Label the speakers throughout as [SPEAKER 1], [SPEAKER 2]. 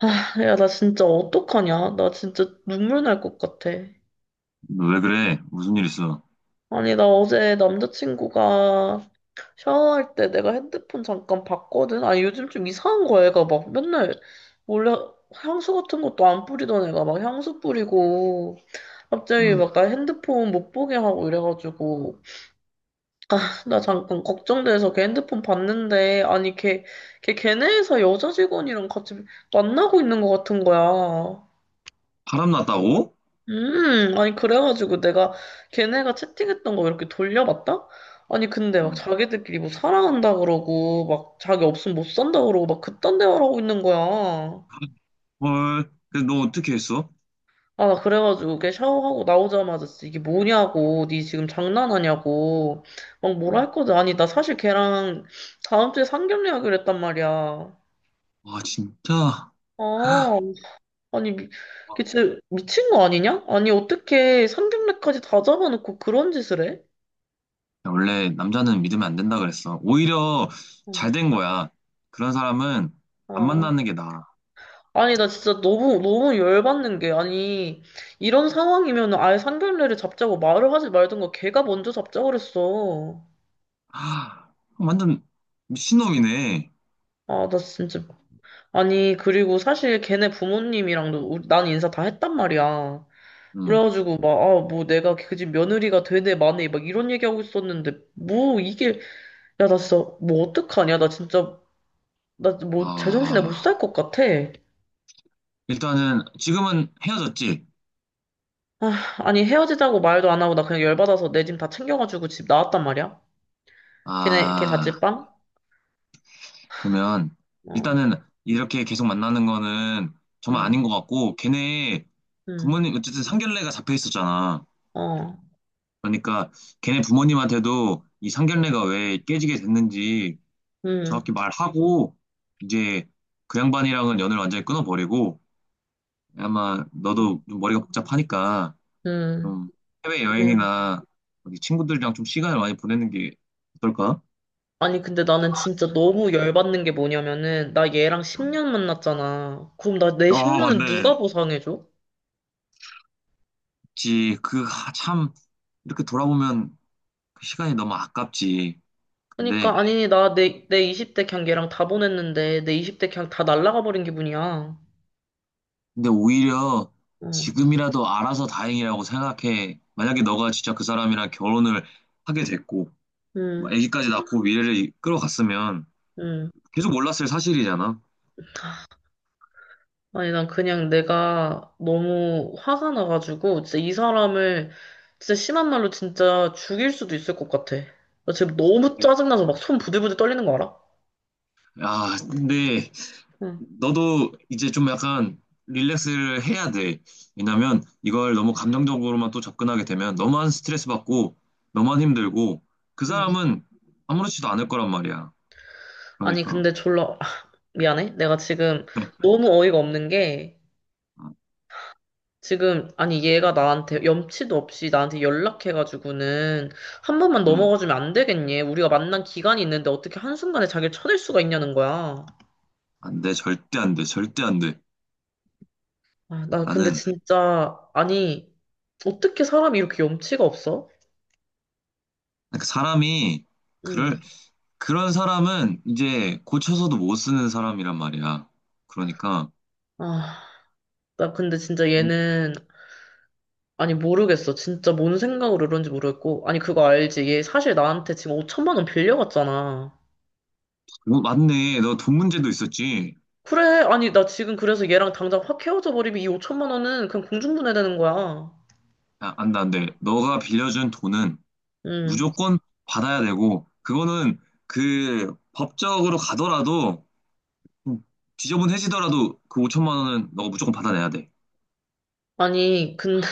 [SPEAKER 1] 아, 야, 나 진짜 어떡하냐? 나 진짜 눈물 날 것 같아.
[SPEAKER 2] 너 왜 그래? 무슨 일 있어?
[SPEAKER 1] 아니, 나 어제 남자친구가 샤워할 때 내가 핸드폰 잠깐 봤거든? 아니, 요즘 좀 이상한 거야, 얘가 막 맨날 원래 향수 같은 것도 안 뿌리던 애가 막 향수 뿌리고 갑자기
[SPEAKER 2] 응.
[SPEAKER 1] 막 나 핸드폰 못 보게 하고 이래가지고 아, 나 잠깐 걱정돼서 걔 핸드폰 봤는데 아니, 걔, 걔 걔네 회사 여자 직원이랑 같이 만나고 있는 것 같은 거야.
[SPEAKER 2] 바람 났다고?
[SPEAKER 1] 아니, 그래가지고 내가 걔네가 채팅했던 거 이렇게 돌려봤다? 아니, 근데 막
[SPEAKER 2] 응.
[SPEAKER 1] 자기들끼리 뭐 사랑한다 그러고, 막 자기 없으면 못 산다 그러고, 막 그딴 대화를 하고 있는 거야.
[SPEAKER 2] 헐, 근데 너 어떻게 했어?
[SPEAKER 1] 아, 나 그래가지고 걔 샤워하고 나오자마자 진짜 이게 뭐냐고, 니 지금 장난하냐고, 막 뭐라
[SPEAKER 2] 응.
[SPEAKER 1] 했거든. 아니, 나 사실 걔랑 다음 주에 상견례하기로 했단 말이야.
[SPEAKER 2] 와, 진짜.
[SPEAKER 1] 아, 아니, 걔 진짜 미친 거 아니냐? 아니, 어떻게 상견례까지 다 잡아놓고 그런 짓을 해?
[SPEAKER 2] 야, 원래 남자는 믿으면 안 된다 그랬어. 오히려
[SPEAKER 1] 어.
[SPEAKER 2] 잘 된 거야. 그런 사람은 안
[SPEAKER 1] 어.
[SPEAKER 2] 만나는 게 나아.
[SPEAKER 1] 아니, 나 진짜 너무, 너무 열받는 게, 아니, 이런 상황이면 아예 상견례를 잡자고 말을 하지 말든가 걔가 먼저 잡자고 그랬어.
[SPEAKER 2] 아, 완전 미친놈이네.
[SPEAKER 1] 아, 나 진짜. 아니, 그리고 사실 걔네 부모님이랑도 난 인사 다 했단 말이야.
[SPEAKER 2] 응.
[SPEAKER 1] 그래가지고 막, 아, 뭐 내가 그 집 며느리가 되네, 마네, 막 이런 얘기하고 있었는데, 뭐 이게, 야, 나 진짜, 뭐 어떡하냐. 나 진짜, 나 뭐 제정신에 못
[SPEAKER 2] 아,
[SPEAKER 1] 살 것 같아.
[SPEAKER 2] 일단은 지금은 헤어졌지?
[SPEAKER 1] 아, 아니, 헤어지자고 말도 안 하고 나 그냥 열받아서 내 짐 다 챙겨가지고 집 나왔단 말이야. 걔네, 걔
[SPEAKER 2] 아,
[SPEAKER 1] 자취방?
[SPEAKER 2] 그러면
[SPEAKER 1] 어,
[SPEAKER 2] 일단은 이렇게 계속 만나는 거는 정말
[SPEAKER 1] 음,
[SPEAKER 2] 아닌 것 같고 걔네
[SPEAKER 1] 음,
[SPEAKER 2] 부모님 어쨌든 상견례가 잡혀 있었잖아.
[SPEAKER 1] 어,
[SPEAKER 2] 그러니까 걔네 부모님한테도 이 상견례가 왜 깨지게 됐는지
[SPEAKER 1] 음,
[SPEAKER 2] 정확히 말하고 이제 그 양반이랑은 연을 완전히 끊어버리고 아마 너도 좀 머리가 복잡하니까
[SPEAKER 1] 음,
[SPEAKER 2] 좀 해외
[SPEAKER 1] 음.
[SPEAKER 2] 여행이나 어디 친구들이랑 좀 시간을 많이 보내는 게 어떨까?
[SPEAKER 1] 아니, 근데 나는 진짜 너무 열받는 게 뭐냐면은, 나 얘랑 10년 만났잖아. 그럼 나 내
[SPEAKER 2] 아
[SPEAKER 1] 10년은
[SPEAKER 2] 맞네.
[SPEAKER 1] 누가 보상해줘?
[SPEAKER 2] 그치. 이렇게 돌아보면 그 시간이 너무 아깝지.
[SPEAKER 1] 그러니까,
[SPEAKER 2] 근데,
[SPEAKER 1] 아니, 나 내 20대 그냥 얘랑 다 보냈는데, 내 20대 그냥 다 날라가 버린 기분이야.
[SPEAKER 2] 근데 오히려
[SPEAKER 1] 응,
[SPEAKER 2] 지금이라도 알아서 다행이라고 생각해. 만약에 너가 진짜 그 사람이랑 결혼을 하게 됐고, 뭐
[SPEAKER 1] 응,
[SPEAKER 2] 아기까지 낳고 미래를 이끌어갔으면
[SPEAKER 1] 응.
[SPEAKER 2] 계속 몰랐을 사실이잖아.
[SPEAKER 1] 아니, 난 그냥 내가 너무 화가 나가지고, 진짜 이 사람을, 진짜 심한 말로 진짜 죽일 수도 있을 것 같아. 나 지금 너무 짜증나서 막 손 부들부들 떨리는 거 알아?
[SPEAKER 2] 야, 근데
[SPEAKER 1] 응,
[SPEAKER 2] 너도 이제 좀 약간 릴렉스를 해야 돼. 왜냐면 이걸 너무 감정적으로만 또 접근하게 되면 너만 스트레스 받고, 너만 힘들고, 그
[SPEAKER 1] 응.
[SPEAKER 2] 사람은 아무렇지도 않을 거란 말이야.
[SPEAKER 1] 아니,
[SPEAKER 2] 그러니까.
[SPEAKER 1] 근데 졸라, 아, 미안해. 내가 지금 너무 어이가 없는 게, 지금, 아니, 얘가 나한테 염치도 없이 나한테 연락해가지고는, 한 번만
[SPEAKER 2] 응.
[SPEAKER 1] 넘어가주면 안 되겠니? 우리가 만난 기간이 있는데 어떻게 한순간에 자기를 쳐낼 수가 있냐는 거야.
[SPEAKER 2] 안 돼, 절대 안 돼, 절대 안 돼.
[SPEAKER 1] 아, 나 근데
[SPEAKER 2] 나는
[SPEAKER 1] 진짜, 아니, 어떻게 사람이 이렇게 염치가 없어?
[SPEAKER 2] 그러니까 사람이 그럴
[SPEAKER 1] 응.
[SPEAKER 2] 그런 사람은 이제 고쳐서도 못 쓰는 사람이란 말이야. 그러니까
[SPEAKER 1] 아, 나 근데 진짜 얘는, 아니, 모르겠어. 진짜 뭔 생각으로 이런지 모르겠고. 아니, 그거 알지? 얘 사실 나한테 지금 5천만 원 빌려갔잖아.
[SPEAKER 2] 어, 맞네, 너 돈 문제도 있었지.
[SPEAKER 1] 그래, 아니, 나 지금 그래서 얘랑 당장 확 헤어져 버리면 이 5천만 원은 그냥 공중분해되는 거야.
[SPEAKER 2] 야, 안 돼, 안 돼. 너가 빌려준 돈은
[SPEAKER 1] 응.
[SPEAKER 2] 무조건 받아야 되고 그거는 그 법적으로 가더라도 좀 지저분해지더라도 그 5천만 원은 너가 무조건 받아내야 돼.
[SPEAKER 1] 아니, 근데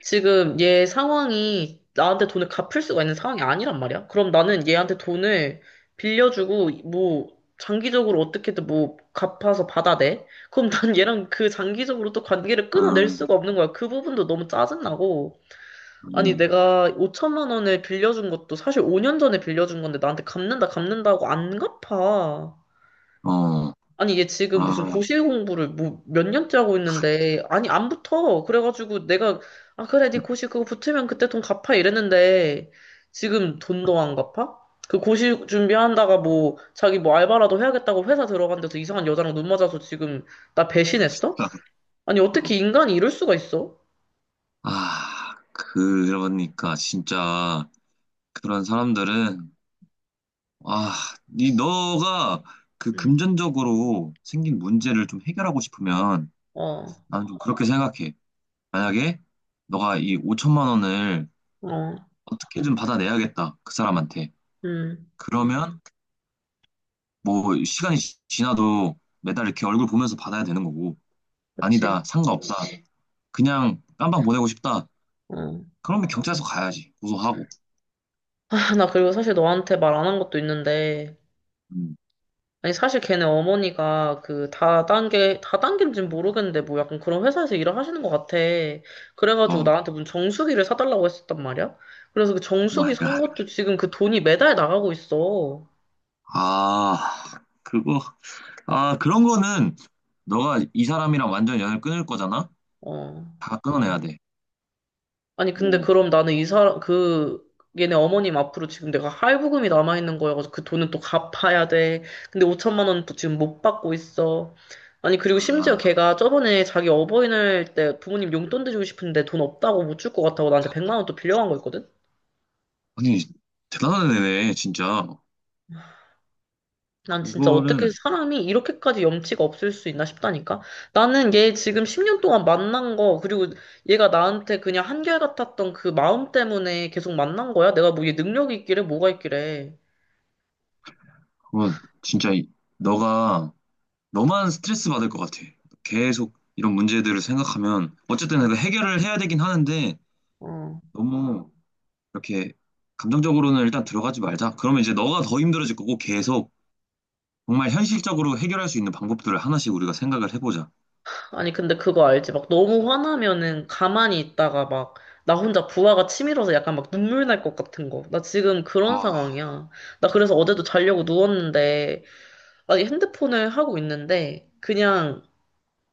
[SPEAKER 1] 지금 얘 상황이 나한테 돈을 갚을 수가 있는 상황이 아니란 말이야. 그럼 나는 얘한테 돈을 빌려주고 뭐 장기적으로 어떻게든 뭐 갚아서 받아내. 그럼 난 얘랑 그 장기적으로 또 관계를
[SPEAKER 2] 아,
[SPEAKER 1] 끊어낼 수가 없는 거야. 그 부분도 너무 짜증나고. 아니
[SPEAKER 2] 맞네.
[SPEAKER 1] 내가 5천만 원을 빌려준 것도 사실 5년 전에 빌려준 건데 나한테 갚는다 갚는다고 안 갚아.
[SPEAKER 2] 어,
[SPEAKER 1] 아니, 얘 지금 무슨
[SPEAKER 2] 아,
[SPEAKER 1] 고실 공부를 뭐 몇 년째 하고 있는데, 아니, 안 붙어. 그래가지고 내가, 아, 그래, 네 고실 그거 붙으면 그때 돈 갚아 이랬는데, 지금 돈도 안 갚아? 그 고실 준비한다가 뭐, 자기 뭐 알바라도 해야겠다고 회사 들어간 데서 이상한 여자랑 눈 맞아서 지금 나 배신했어? 아니, 어떻게 인간이 이럴 수가 있어?
[SPEAKER 2] 그러니까 진짜 그런 사람들은 아, 이 너가 그
[SPEAKER 1] 음,
[SPEAKER 2] 금전적으로 생긴 문제를 좀 해결하고 싶으면
[SPEAKER 1] 어,
[SPEAKER 2] 나는 좀 그렇게 생각해. 만약에 너가 이 5천만 원을
[SPEAKER 1] 어,
[SPEAKER 2] 어떻게든 받아내야겠다. 그 사람한테.
[SPEAKER 1] 음,
[SPEAKER 2] 그러면 뭐 시간이 지나도 매달 이렇게 얼굴 보면서 받아야 되는 거고. 아니다.
[SPEAKER 1] 그치.
[SPEAKER 2] 상관없다. 그냥 깜방 보내고 싶다.
[SPEAKER 1] 어.
[SPEAKER 2] 그러면 경찰서 가야지. 고소하고.
[SPEAKER 1] 아, 나 그리고 사실 너한테 말 안 한 것도 있는데,
[SPEAKER 2] 음,
[SPEAKER 1] 아니, 사실 걔네 어머니가 그 다단계, 다단계인지는 모르겠는데, 뭐 약간 그런 회사에서 일을 하시는 것 같아. 그래가지고
[SPEAKER 2] 어,
[SPEAKER 1] 나한테 무슨 정수기를 사달라고 했었단 말이야? 그래서 그
[SPEAKER 2] 오
[SPEAKER 1] 정수기
[SPEAKER 2] 마이
[SPEAKER 1] 산
[SPEAKER 2] 갓.
[SPEAKER 1] 것도 지금 그 돈이 매달 나가고 있어.
[SPEAKER 2] 아, 그거, 그런 거는 너가 이 사람이랑 완전 연을 끊을 거잖아?
[SPEAKER 1] 어.
[SPEAKER 2] 다 끊어내야 돼.
[SPEAKER 1] 아니, 근데
[SPEAKER 2] 뭐,
[SPEAKER 1] 그럼 나는 이 사람, 그, 얘네 어머님 앞으로 지금 내가 할부금이 남아있는 거여가지고 그 돈은 또 갚아야 돼. 근데 5천만 원 지금 못 받고 있어. 아니, 그리고 심지어
[SPEAKER 2] 아,
[SPEAKER 1] 걔가 저번에 자기 어버이날 때 부모님 용돈 드리고 싶은데 돈 없다고 못 줄 것 같다고 나한테 100만 원 또 빌려간 거 있거든?
[SPEAKER 2] 아니, 대단한 애네, 진짜.
[SPEAKER 1] 난 진짜 어떻게
[SPEAKER 2] 그거는,
[SPEAKER 1] 사람이 이렇게까지 염치가 없을 수 있나 싶다니까? 나는 얘 지금 10년 동안 만난 거, 그리고 얘가 나한테 그냥 한결같았던 그 마음 때문에 계속 만난 거야? 내가 뭐 얘 능력이 있길래 뭐가 있길래.
[SPEAKER 2] 그거 진짜 너가, 너만 스트레스 받을 것 같아. 계속 이런 문제들을 생각하면, 어쨌든 내가 해결을 해야 되긴 하는데,
[SPEAKER 1] 어.
[SPEAKER 2] 너무 이렇게 감정적으로는 일단 들어가지 말자. 그러면 이제 너가 더 힘들어질 거고, 계속 정말 현실적으로 해결할 수 있는 방법들을 하나씩 우리가 생각을 해보자.
[SPEAKER 1] 아니, 근데 그거 알지? 막 너무 화나면은 가만히 있다가 막 나 혼자 부하가 치밀어서 약간 막 눈물 날 것 같은 거. 나 지금 그런
[SPEAKER 2] 아.
[SPEAKER 1] 상황이야. 나 그래서 어제도 자려고 누웠는데, 아니, 핸드폰을 하고 있는데, 그냥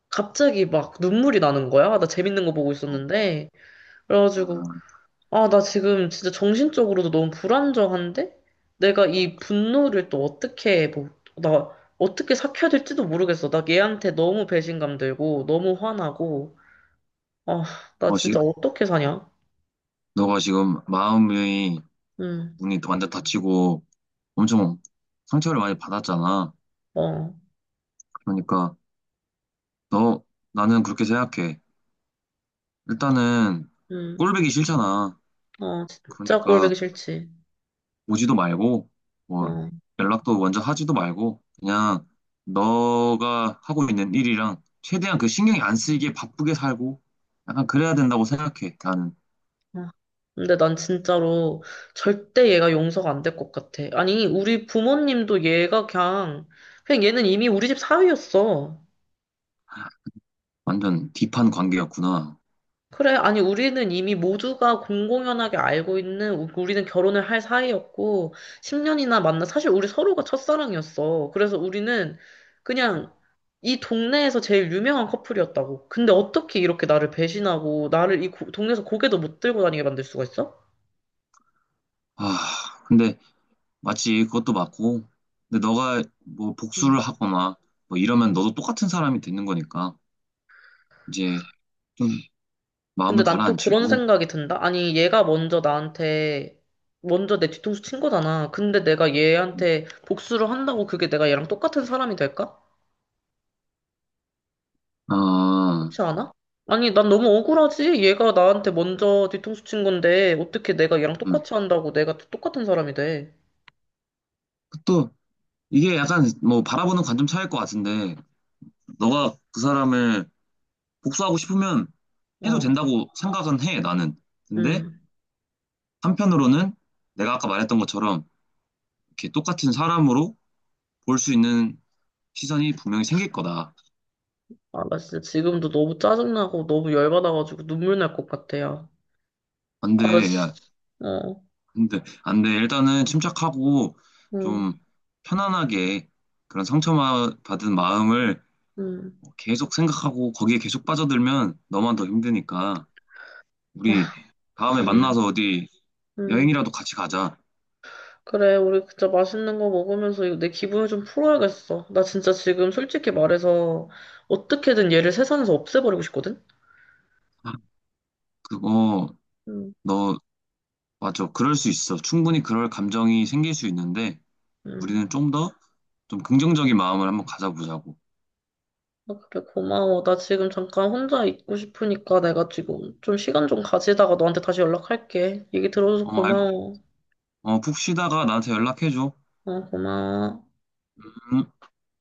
[SPEAKER 1] 갑자기 막 눈물이 나는 거야. 나 재밌는 거 보고 있었는데. 그래가지고, 아, 나 지금 진짜 정신적으로도 너무 불안정한데? 내가 이 분노를 또 어떻게, 뭐, 나 어떻게 삭혀야 될지도 모르겠어. 나 얘한테 너무 배신감 들고, 너무 화나고. 아, 나
[SPEAKER 2] 어,
[SPEAKER 1] 진짜 어떻게 사냐?
[SPEAKER 2] 너가 지금 마음이
[SPEAKER 1] 응,
[SPEAKER 2] 문이 완전 닫히고 엄청 상처를 많이 받았잖아.
[SPEAKER 1] 어,
[SPEAKER 2] 그러니까 너 나는 그렇게 생각해. 일단은
[SPEAKER 1] 응,
[SPEAKER 2] 꼴보기 싫잖아.
[SPEAKER 1] 어, 진짜 꼴보기
[SPEAKER 2] 그러니까
[SPEAKER 1] 싫지.
[SPEAKER 2] 오지도 말고
[SPEAKER 1] 어,
[SPEAKER 2] 뭐
[SPEAKER 1] 어.
[SPEAKER 2] 연락도 먼저 하지도 말고 그냥 너가 하고 있는 일이랑 최대한 그 신경이 안 쓰이게 바쁘게 살고 약간 그래야 된다고 생각해. 나는
[SPEAKER 1] 어. 근데 난 진짜로 절대 얘가 용서가 안 될 것 같아. 아니, 우리 부모님도 얘가 그냥, 그냥 얘는 이미 우리 집 사위였어.
[SPEAKER 2] 완전 딥한 관계였구나.
[SPEAKER 1] 그래, 아니, 우리는 이미 모두가 공공연하게 알고 있는, 우리는 결혼을 할 사이였고, 10년이나 만나, 사실 우리 서로가 첫사랑이었어. 그래서 우리는 그냥 이 동네에서 제일 유명한 커플이었다고. 근데 어떻게 이렇게 나를 배신하고, 나를 이 동네에서 고개도 못 들고 다니게 만들 수가 있어?
[SPEAKER 2] 아, 근데 맞지, 그것도 맞고. 근데 너가 뭐
[SPEAKER 1] 음.
[SPEAKER 2] 복수를 하거나 뭐 이러면 너도 똑같은 사람이 되는 거니까 이제 좀
[SPEAKER 1] 근데
[SPEAKER 2] 마음을
[SPEAKER 1] 난 또 그런
[SPEAKER 2] 가라앉히고.
[SPEAKER 1] 생각이 든다. 아니, 얘가 먼저 나한테, 먼저 내 뒤통수 친 거잖아. 근데 내가 얘한테 복수를 한다고 그게 내가 얘랑 똑같은 사람이 될까?
[SPEAKER 2] 아,
[SPEAKER 1] 그렇지 않아? 아니, 난 너무 억울하지? 얘가 나한테 먼저 뒤통수 친 건데, 어떻게 내가 얘랑
[SPEAKER 2] 음.
[SPEAKER 1] 똑같이 한다고 내가 또 똑같은 사람이 돼?
[SPEAKER 2] 또 이게 약간 뭐 바라보는 관점 차이일 것 같은데 너가 그 사람을 복수하고 싶으면 해도
[SPEAKER 1] 어,
[SPEAKER 2] 된다고 생각은 해, 나는. 근데
[SPEAKER 1] 음.
[SPEAKER 2] 한편으로는 내가 아까 말했던 것처럼 이렇게 똑같은 사람으로 볼 수 있는 시선이 분명히 생길 거다.
[SPEAKER 1] 아, 나 진짜 지금도 너무 짜증나고 너무 열받아가지고 눈물 날 것 같아, 요
[SPEAKER 2] 안 돼.
[SPEAKER 1] 아, 나 진짜,
[SPEAKER 2] 야,
[SPEAKER 1] 어,
[SPEAKER 2] 근데 안 돼. 일단은 침착하고
[SPEAKER 1] 음,
[SPEAKER 2] 좀 편안하게 그런 상처받은 마음을
[SPEAKER 1] 음,
[SPEAKER 2] 계속 생각하고 거기에 계속 빠져들면 너만 더 힘드니까 우리
[SPEAKER 1] 아,
[SPEAKER 2] 다음에
[SPEAKER 1] 음,
[SPEAKER 2] 만나서 어디
[SPEAKER 1] 음.
[SPEAKER 2] 여행이라도 같이 가자.
[SPEAKER 1] 그래, 우리 진짜 맛있는 거 먹으면서 이거 내 기분을 좀 풀어야겠어. 나 진짜 지금 솔직히 말해서 어떻게든 얘를 세상에서 없애버리고 싶거든?
[SPEAKER 2] 아, 그거
[SPEAKER 1] 음,
[SPEAKER 2] 너 맞아. 그럴 수 있어. 충분히 그럴 감정이 생길 수 있는데
[SPEAKER 1] 음.
[SPEAKER 2] 우리는 좀 더 좀 긍정적인 마음을 한번 가져보자고.
[SPEAKER 1] 아, 그래, 고마워. 나 지금 잠깐 혼자 있고 싶으니까 내가 지금 좀 시간 좀 가지다가 너한테 다시 연락할게. 얘기 들어줘서
[SPEAKER 2] 어,
[SPEAKER 1] 고마워.
[SPEAKER 2] 어, 푹 쉬다가 나한테 연락해줘.
[SPEAKER 1] 어, 고마워.
[SPEAKER 2] 음.